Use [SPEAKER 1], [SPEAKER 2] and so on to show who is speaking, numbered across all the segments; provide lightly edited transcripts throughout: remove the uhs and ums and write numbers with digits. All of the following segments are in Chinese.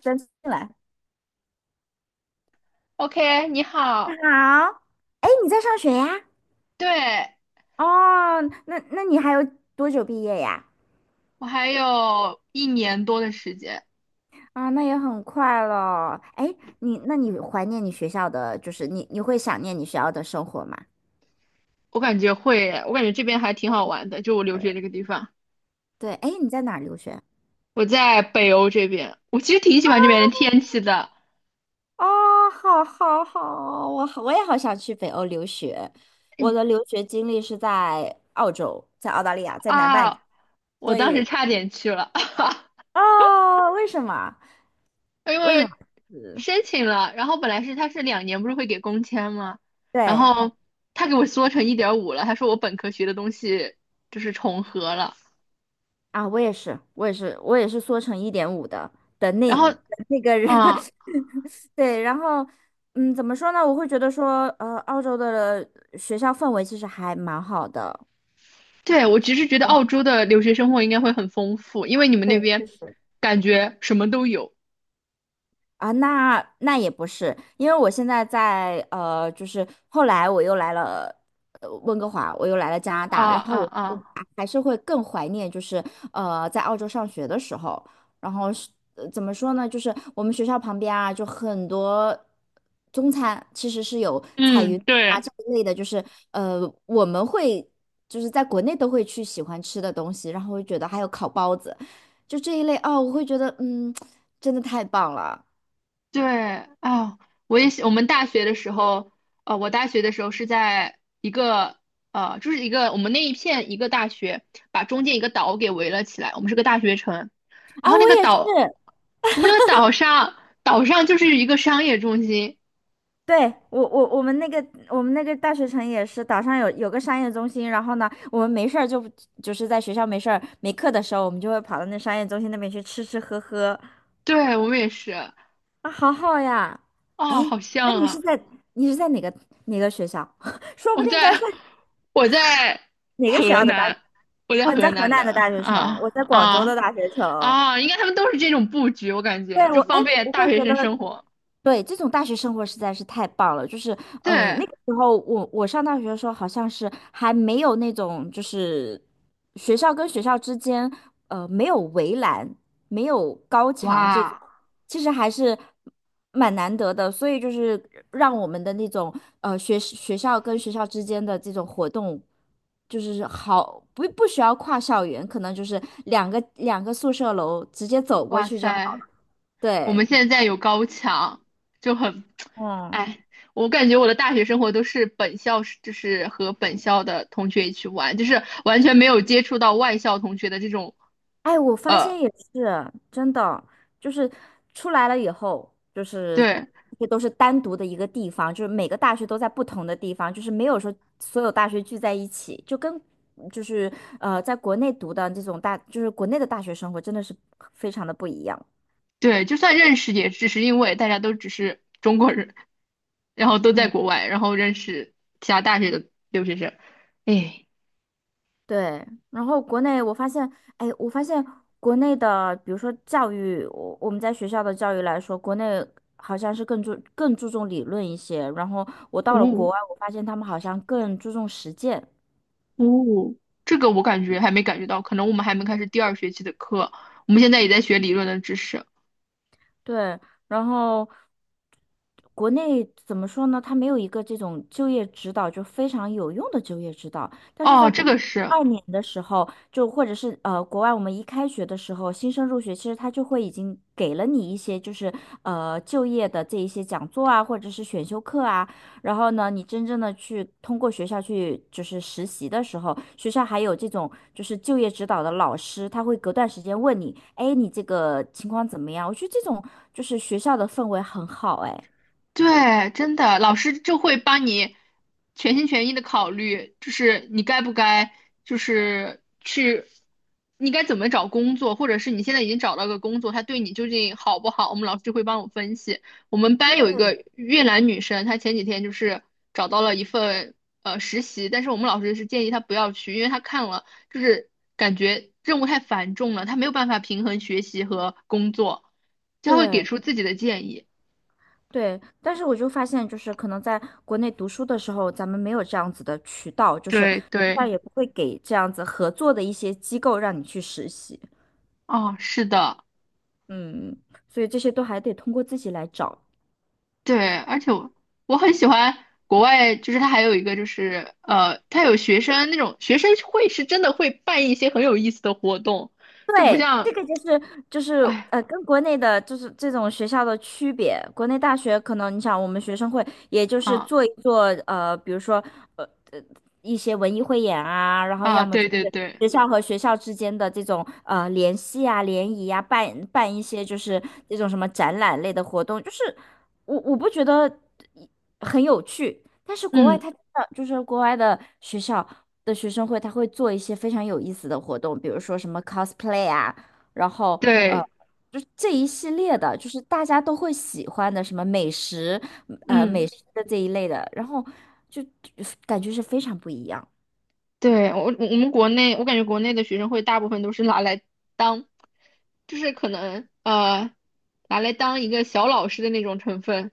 [SPEAKER 1] 真进来。
[SPEAKER 2] OK，你
[SPEAKER 1] 你
[SPEAKER 2] 好。
[SPEAKER 1] 好，哎，你在上学呀？
[SPEAKER 2] 对，
[SPEAKER 1] 哦，那你还有多久毕业呀？
[SPEAKER 2] 我还有一年多的时间。
[SPEAKER 1] 啊，那也很快了。哎，你怀念你学校的，就是你会想念你学校的生活吗？
[SPEAKER 2] 我感觉会，我感觉这边还挺好玩的，就我留
[SPEAKER 1] 对
[SPEAKER 2] 学这个地方。
[SPEAKER 1] 对，哎，你在哪儿留学？
[SPEAKER 2] 我在北欧这边，我其实挺喜欢这边的天气的。
[SPEAKER 1] 哦，好，好，好，我好，我也好想去北欧留学。我
[SPEAKER 2] 嗯。
[SPEAKER 1] 的留学经历是在澳洲，在澳大利亚，在南半球
[SPEAKER 2] 啊，我
[SPEAKER 1] 所
[SPEAKER 2] 当时
[SPEAKER 1] 以，
[SPEAKER 2] 差点去了。
[SPEAKER 1] 哦，为什么？
[SPEAKER 2] 因
[SPEAKER 1] 为什么？
[SPEAKER 2] 为
[SPEAKER 1] 嗯
[SPEAKER 2] 申请了，然后本来是他是两年不是会给工签吗？然
[SPEAKER 1] 对，
[SPEAKER 2] 后他给我缩成一点五了，他说我本科学的东西就是重合了，
[SPEAKER 1] 啊，我也是，我也是，我也是缩成一点五的的
[SPEAKER 2] 然
[SPEAKER 1] 那
[SPEAKER 2] 后。
[SPEAKER 1] 的那个人，
[SPEAKER 2] 嗯，
[SPEAKER 1] 对，然后，嗯，怎么说呢？我会觉得说，澳洲的学校氛围其实还蛮好的。
[SPEAKER 2] 对。我其实觉得
[SPEAKER 1] 嗯，
[SPEAKER 2] 澳洲的留学生活应该会很丰富，因为你们那
[SPEAKER 1] 对，
[SPEAKER 2] 边
[SPEAKER 1] 确实。
[SPEAKER 2] 感觉什么都有。
[SPEAKER 1] 啊，那那也不是，因为我现在在就是后来我又来了温哥华，我又来了加拿
[SPEAKER 2] 啊
[SPEAKER 1] 大，然
[SPEAKER 2] 啊
[SPEAKER 1] 后我
[SPEAKER 2] 啊！
[SPEAKER 1] 还还是会更怀念，就是在澳洲上学的时候，然后是怎么说呢，就是我们学校旁边啊，就很多中餐其实是有彩
[SPEAKER 2] 嗯，
[SPEAKER 1] 云啊
[SPEAKER 2] 对。
[SPEAKER 1] 这一类的，就是呃我们会就是在国内都会去喜欢吃的东西，然后会觉得还有烤包子，就这一类哦，我会觉得嗯，真的太棒了。
[SPEAKER 2] 对啊，我也喜我们大学的时候，我大学的时候是在一个就是一个我们那一片一个大学，把中间一个岛给围了起来，我们是个大学城。
[SPEAKER 1] 啊，
[SPEAKER 2] 然后那
[SPEAKER 1] 我
[SPEAKER 2] 个
[SPEAKER 1] 也是，
[SPEAKER 2] 岛，我们那个岛上岛上就是一个商业中心。
[SPEAKER 1] 对，我我我们那个我们那个大学城也是，岛上有个商业中心，然后呢，我们没事儿就就是在学校没事儿没课的时候，我们就会跑到那商业中心那边去吃吃喝喝，
[SPEAKER 2] 对，我们也是。
[SPEAKER 1] 啊，好好呀。哎，
[SPEAKER 2] 啊，好
[SPEAKER 1] 那
[SPEAKER 2] 像
[SPEAKER 1] 你是
[SPEAKER 2] 啊。
[SPEAKER 1] 在你是在哪个学校？说不
[SPEAKER 2] 我
[SPEAKER 1] 定在是
[SPEAKER 2] 在我在
[SPEAKER 1] 哪个学
[SPEAKER 2] 河
[SPEAKER 1] 校的大？
[SPEAKER 2] 南，我在
[SPEAKER 1] 哦，你在
[SPEAKER 2] 河
[SPEAKER 1] 河
[SPEAKER 2] 南
[SPEAKER 1] 南
[SPEAKER 2] 的。
[SPEAKER 1] 的大学城，我
[SPEAKER 2] 啊
[SPEAKER 1] 在广州的
[SPEAKER 2] 啊
[SPEAKER 1] 大学城。
[SPEAKER 2] 啊！应该他们都是这种布局，我感觉
[SPEAKER 1] 对，
[SPEAKER 2] 就
[SPEAKER 1] 我，哎，
[SPEAKER 2] 方便
[SPEAKER 1] 我
[SPEAKER 2] 大
[SPEAKER 1] 会
[SPEAKER 2] 学
[SPEAKER 1] 觉
[SPEAKER 2] 生
[SPEAKER 1] 得
[SPEAKER 2] 生活。
[SPEAKER 1] 对，这种大学生活实在是太棒了。就是，嗯、
[SPEAKER 2] 对。
[SPEAKER 1] 那个时候我上大学的时候，好像是还没有那种，就是学校跟学校之间，没有围栏，没有高墙这种，
[SPEAKER 2] 哇
[SPEAKER 1] 其实还是蛮难得的。所以就是让我们的那种，学校跟学校之间的这种活动，就是好不不需要跨校园，可能就是两个宿舍楼直接走过
[SPEAKER 2] 哇
[SPEAKER 1] 去就好了。
[SPEAKER 2] 塞，我
[SPEAKER 1] 对，
[SPEAKER 2] 们现在有高墙，就很。
[SPEAKER 1] 嗯。
[SPEAKER 2] 哎，我感觉我的大学生活都是本校是，就是和本校的同学一起玩，就是完全没有接触到外校同学的这种。
[SPEAKER 1] 哎，我发
[SPEAKER 2] 呃，
[SPEAKER 1] 现也是真的，就是出来了以后，就是
[SPEAKER 2] 对。
[SPEAKER 1] 这都是单独的一个地方，就是每个大学都在不同的地方，就是没有说所有大学聚在一起，就跟就是在国内读的这种大，就是国内的大学生活真的是非常的不一样。
[SPEAKER 2] 对，就算认识，也只是因为大家都只是中国人，然后都在
[SPEAKER 1] 嗯。
[SPEAKER 2] 国外，然后认识其他大学的留学生。哎。
[SPEAKER 1] 对，然后国内我发现，哎，我发现国内的，比如说教育，我们在学校的教育来说，国内好像是更注重理论一些，然后我到了国
[SPEAKER 2] 哦
[SPEAKER 1] 外，我发现他们好像更注重实践。
[SPEAKER 2] 哦，这个我感觉还没感觉到，可能我们还没开始第二学期的课，我们现在也在学理论的知识。
[SPEAKER 1] 对，然后国内怎么说呢？它没有一个这种就业指导，就非常有用的就业指导。但是在
[SPEAKER 2] 哦，这
[SPEAKER 1] 国
[SPEAKER 2] 个是。
[SPEAKER 1] 二年的时候，就或者是国外，我们一开学的时候，新生入学，其实他就会已经给了你一些就是就业的这一些讲座啊，或者是选修课啊。然后呢，你真正的去通过学校去就是实习的时候，学校还有这种就是就业指导的老师，他会隔段时间问你，哎，你这个情况怎么样？我觉得这种就是学校的氛围很好，哎。
[SPEAKER 2] 对，真的，老师就会帮你全心全意的考虑，就是你该不该，就是去，你该怎么找工作，或者是你现在已经找到个工作，他对你究竟好不好，我们老师就会帮我分析。我们班有一个越南女生，她前几天就是找到了一份实习，但是我们老师是建议她不要去，因为她看了就是感觉任务太繁重了，她没有办法平衡学习和工作，她会给
[SPEAKER 1] 对
[SPEAKER 2] 出自己的建议。
[SPEAKER 1] 对，但是我就发现，就是可能在国内读书的时候，咱们没有这样子的渠道，就是
[SPEAKER 2] 对
[SPEAKER 1] 学
[SPEAKER 2] 对。
[SPEAKER 1] 也不会给这样子合作的一些机构让你去实习，
[SPEAKER 2] 哦，是的。
[SPEAKER 1] 嗯，所以这些都还得通过自己来找。
[SPEAKER 2] 对，而且我我很喜欢国外，就是它还有一个就是它有学生会是真的会办一些很有意思的活动，就不
[SPEAKER 1] 对，这
[SPEAKER 2] 像。
[SPEAKER 1] 个就是就是
[SPEAKER 2] 哎。
[SPEAKER 1] 跟国内的就是这种学校的区别。国内大学可能你想，我们学生会也就是
[SPEAKER 2] 啊
[SPEAKER 1] 做一做比如说呃呃一些文艺汇演啊，然后
[SPEAKER 2] 啊，
[SPEAKER 1] 要么就
[SPEAKER 2] 对对
[SPEAKER 1] 是
[SPEAKER 2] 对。
[SPEAKER 1] 学校和学校之间的这种联系啊、联谊啊，办办一些就是那种什么展览类的活动，就是。我我不觉得很有趣，但是国外
[SPEAKER 2] 嗯，
[SPEAKER 1] 他真的就是国外的学校的学生会，他会做一些非常有意思的活动，比如说什么 cosplay 啊，然后呃，
[SPEAKER 2] 对。
[SPEAKER 1] 就是这一系列的，就是大家都会喜欢的什么美食，美
[SPEAKER 2] 嗯，
[SPEAKER 1] 食的这一类的，然后就就感觉是非常不一样。
[SPEAKER 2] 对，我们国内，我感觉国内的学生会大部分都是拿来当，就是可能拿来当一个小老师的那种成分，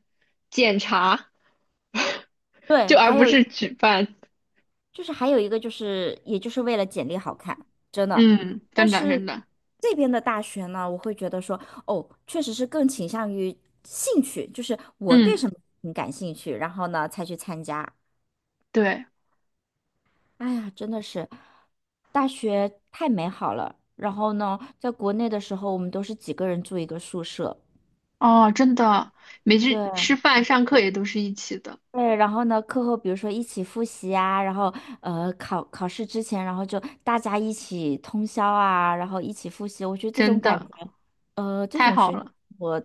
[SPEAKER 2] 检查。
[SPEAKER 1] 对，
[SPEAKER 2] 就而
[SPEAKER 1] 还
[SPEAKER 2] 不
[SPEAKER 1] 有。
[SPEAKER 2] 是举办。
[SPEAKER 1] 就是还有一个就是，也就是为了简历好看，真的。
[SPEAKER 2] 嗯，
[SPEAKER 1] 但
[SPEAKER 2] 真的
[SPEAKER 1] 是
[SPEAKER 2] 真的。
[SPEAKER 1] 这边的大学呢，我会觉得说，哦，确实是更倾向于兴趣，就是我对
[SPEAKER 2] 嗯，
[SPEAKER 1] 什么很感兴趣，然后呢才去参加。
[SPEAKER 2] 对。
[SPEAKER 1] 哎呀，真的是大学太美好了。然后呢，在国内的时候，我们都是几个人住一个宿舍，
[SPEAKER 2] 哦，真的。每次
[SPEAKER 1] 对。
[SPEAKER 2] 吃饭、上课也都是一起的。
[SPEAKER 1] 对，然后呢，课后比如说一起复习啊，然后考考试之前，然后就大家一起通宵啊，然后一起复习，我觉得这
[SPEAKER 2] 真
[SPEAKER 1] 种感觉，
[SPEAKER 2] 的
[SPEAKER 1] 这
[SPEAKER 2] 太
[SPEAKER 1] 种
[SPEAKER 2] 好
[SPEAKER 1] 学校
[SPEAKER 2] 了。
[SPEAKER 1] 我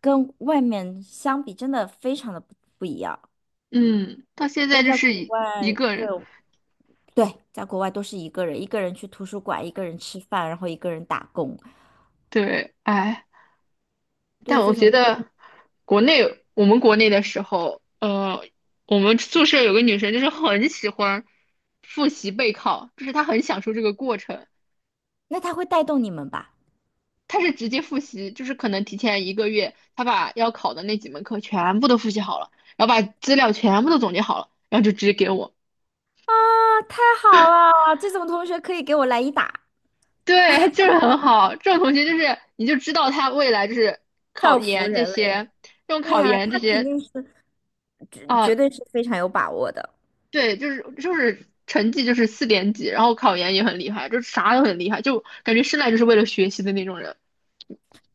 [SPEAKER 1] 跟外面相比，真的非常的不不一样。
[SPEAKER 2] 嗯，到现在
[SPEAKER 1] 但
[SPEAKER 2] 就
[SPEAKER 1] 在
[SPEAKER 2] 是
[SPEAKER 1] 国
[SPEAKER 2] 一
[SPEAKER 1] 外，
[SPEAKER 2] 个
[SPEAKER 1] 对
[SPEAKER 2] 人。
[SPEAKER 1] 对，在国外都是一个人，一个人去图书馆，一个人吃饭，然后一个人打工，
[SPEAKER 2] 对。哎，但
[SPEAKER 1] 对
[SPEAKER 2] 我
[SPEAKER 1] 这
[SPEAKER 2] 觉
[SPEAKER 1] 种，
[SPEAKER 2] 得我们国内的时候，我们宿舍有个女生就是很喜欢复习备考，就是她很享受这个过程。
[SPEAKER 1] 那他会带动你们吧？
[SPEAKER 2] 他是直接复习，就是可能提前一个月，他把要考的那几门课全部都复习好了，然后把资料全部都总结好了，然后就直接给我。
[SPEAKER 1] 啊，太好了！这种同学可以给我来一打，
[SPEAKER 2] 对，他就是很好，这种同学就是你就知道他未来就是考
[SPEAKER 1] 造福
[SPEAKER 2] 研这
[SPEAKER 1] 人类。
[SPEAKER 2] 些，这种
[SPEAKER 1] 对
[SPEAKER 2] 考
[SPEAKER 1] 呀，
[SPEAKER 2] 研这
[SPEAKER 1] 他肯
[SPEAKER 2] 些。
[SPEAKER 1] 定是。绝绝
[SPEAKER 2] 啊，
[SPEAKER 1] 对是非常有把握的。
[SPEAKER 2] 对，就是成绩就是四点几，然后考研也很厉害，就是啥都很厉害，就感觉生来就是为了学习的那种人。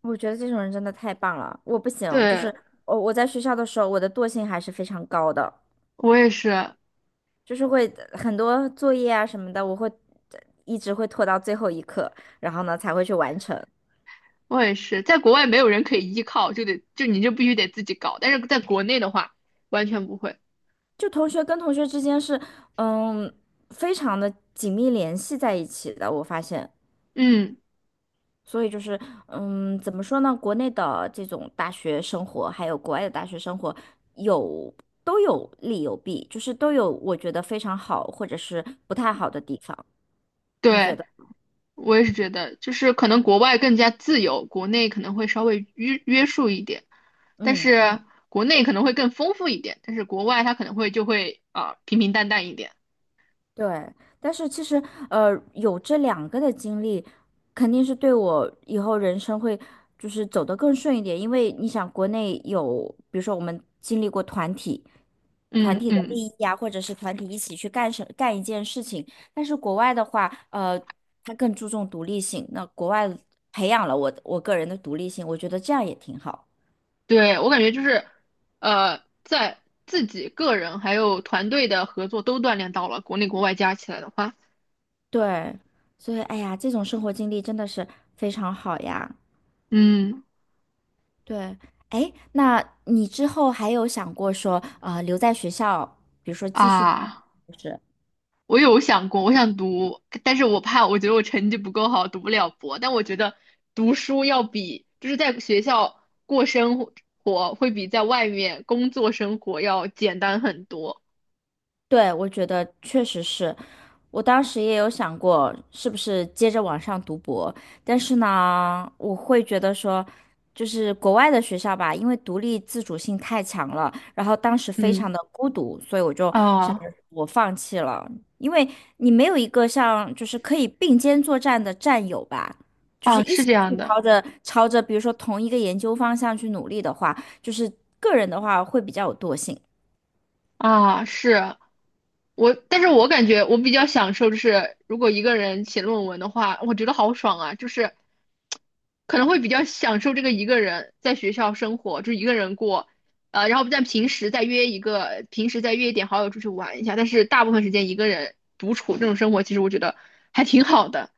[SPEAKER 1] 我觉得这种人真的太棒了，我不行，就
[SPEAKER 2] 对，
[SPEAKER 1] 是我在学校的时候，我的惰性还是非常高的，
[SPEAKER 2] 我也是，
[SPEAKER 1] 就是会很多作业啊什么的，我会一直会拖到最后一刻，然后呢才会去完成。
[SPEAKER 2] 我也是，在国外没有人可以依靠，就得就你就必须得自己搞。但是在国内的话，完全不会。
[SPEAKER 1] 就同学跟同学之间是，嗯，非常的紧密联系在一起的，我发现。
[SPEAKER 2] 嗯，
[SPEAKER 1] 所以就是，嗯，怎么说呢？国内的这种大学生活，还有国外的大学生活，有都有利有弊，就是都有我觉得非常好，或者是不太好的地方。你觉
[SPEAKER 2] 对，
[SPEAKER 1] 得？
[SPEAKER 2] 我也是觉得，就是可能国外更加自由，国内可能会稍微约束一点，但
[SPEAKER 1] 嗯，
[SPEAKER 2] 是国内可能会更丰富一点，但是国外它可能会就会啊、平平淡淡一点。
[SPEAKER 1] 对。但是其实，有这两个的经历，肯定是对我以后人生会就是走得更顺一点，因为你想，国内有，比如说我们经历过团体。团
[SPEAKER 2] 嗯
[SPEAKER 1] 体的
[SPEAKER 2] 嗯。
[SPEAKER 1] 利益啊，或者是团体一起去干什干一件事情。但是国外的话，他更注重独立性。那国外培养了我个人的独立性，我觉得这样也挺好。
[SPEAKER 2] 对，我感觉就是，在自己个人还有团队的合作都锻炼到了，国内国外加起来的话。
[SPEAKER 1] 对，所以哎呀，这种生活经历真的是非常好呀。
[SPEAKER 2] 嗯。
[SPEAKER 1] 对，哎，那你之后还有想过说，留在学校，比如说继续，
[SPEAKER 2] 啊。
[SPEAKER 1] 就是，
[SPEAKER 2] 我有想过，我想读，但是我怕，我觉得我成绩不够好，读不了博。但我觉得读书要比就是在学校过生活，会比在外面工作生活要简单很多。
[SPEAKER 1] 对，我觉得确实是，我当时也有想过，是不是接着往上读博，但是呢，我会觉得说，就是国外的学校吧，因为独立自主性太强了，然后当时非常
[SPEAKER 2] 嗯。
[SPEAKER 1] 的孤独，所以我就想着
[SPEAKER 2] 啊
[SPEAKER 1] 我放弃了，因为你没有一个像就是可以并肩作战的战友吧，就是
[SPEAKER 2] 啊，
[SPEAKER 1] 一
[SPEAKER 2] 是
[SPEAKER 1] 起
[SPEAKER 2] 这
[SPEAKER 1] 去
[SPEAKER 2] 样的。
[SPEAKER 1] 朝着比如说同一个研究方向去努力的话，就是个人的话会比较有惰性。
[SPEAKER 2] 啊，但是我感觉我比较享受，就是如果一个人写论文的话，我觉得好爽啊，就是可能会比较享受这个一个人在学校生活，就一个人过，然后在平时再约一个，平时再约一点好友出去玩一下，但是大部分时间一个人独处这种生活，其实我觉得还挺好的。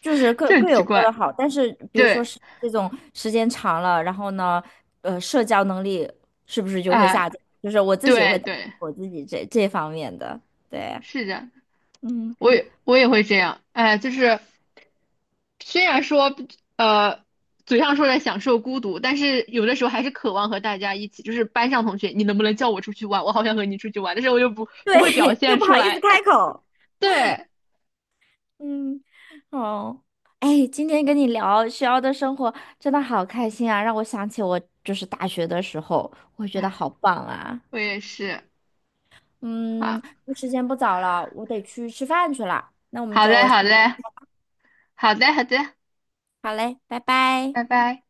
[SPEAKER 1] 就是各
[SPEAKER 2] 这很
[SPEAKER 1] 各
[SPEAKER 2] 奇
[SPEAKER 1] 有各的
[SPEAKER 2] 怪。
[SPEAKER 1] 好，但是比如说
[SPEAKER 2] 对。
[SPEAKER 1] 是这种时间长了，然后呢，社交能力是不是就会
[SPEAKER 2] 啊、
[SPEAKER 1] 下降？就是我自己
[SPEAKER 2] 对
[SPEAKER 1] 会担心
[SPEAKER 2] 对，
[SPEAKER 1] 我自己这这方面的，对，
[SPEAKER 2] 是的。
[SPEAKER 1] 嗯，
[SPEAKER 2] 我也会这样。哎，就是虽然说呃嘴上说着享受孤独，但是有的时候还是渴望和大家一起，就是班上同学，你能不能叫我出去玩？我好想和你出去玩，但是我又不会表
[SPEAKER 1] 对，又
[SPEAKER 2] 现
[SPEAKER 1] 不
[SPEAKER 2] 出
[SPEAKER 1] 好意思
[SPEAKER 2] 来。
[SPEAKER 1] 开口，
[SPEAKER 2] 对。
[SPEAKER 1] 嗯，哦，哎，今天跟你聊学校的生活真的好开心啊，让我想起我就是大学的时候，我觉得
[SPEAKER 2] 哎，
[SPEAKER 1] 好棒啊，
[SPEAKER 2] 我也是。
[SPEAKER 1] 嗯，
[SPEAKER 2] 好，
[SPEAKER 1] 时间不早了，我得去吃饭去了，那我们
[SPEAKER 2] 好嘞，
[SPEAKER 1] 就
[SPEAKER 2] 好嘞，好的，好的，
[SPEAKER 1] 好嘞，拜拜。
[SPEAKER 2] 拜拜。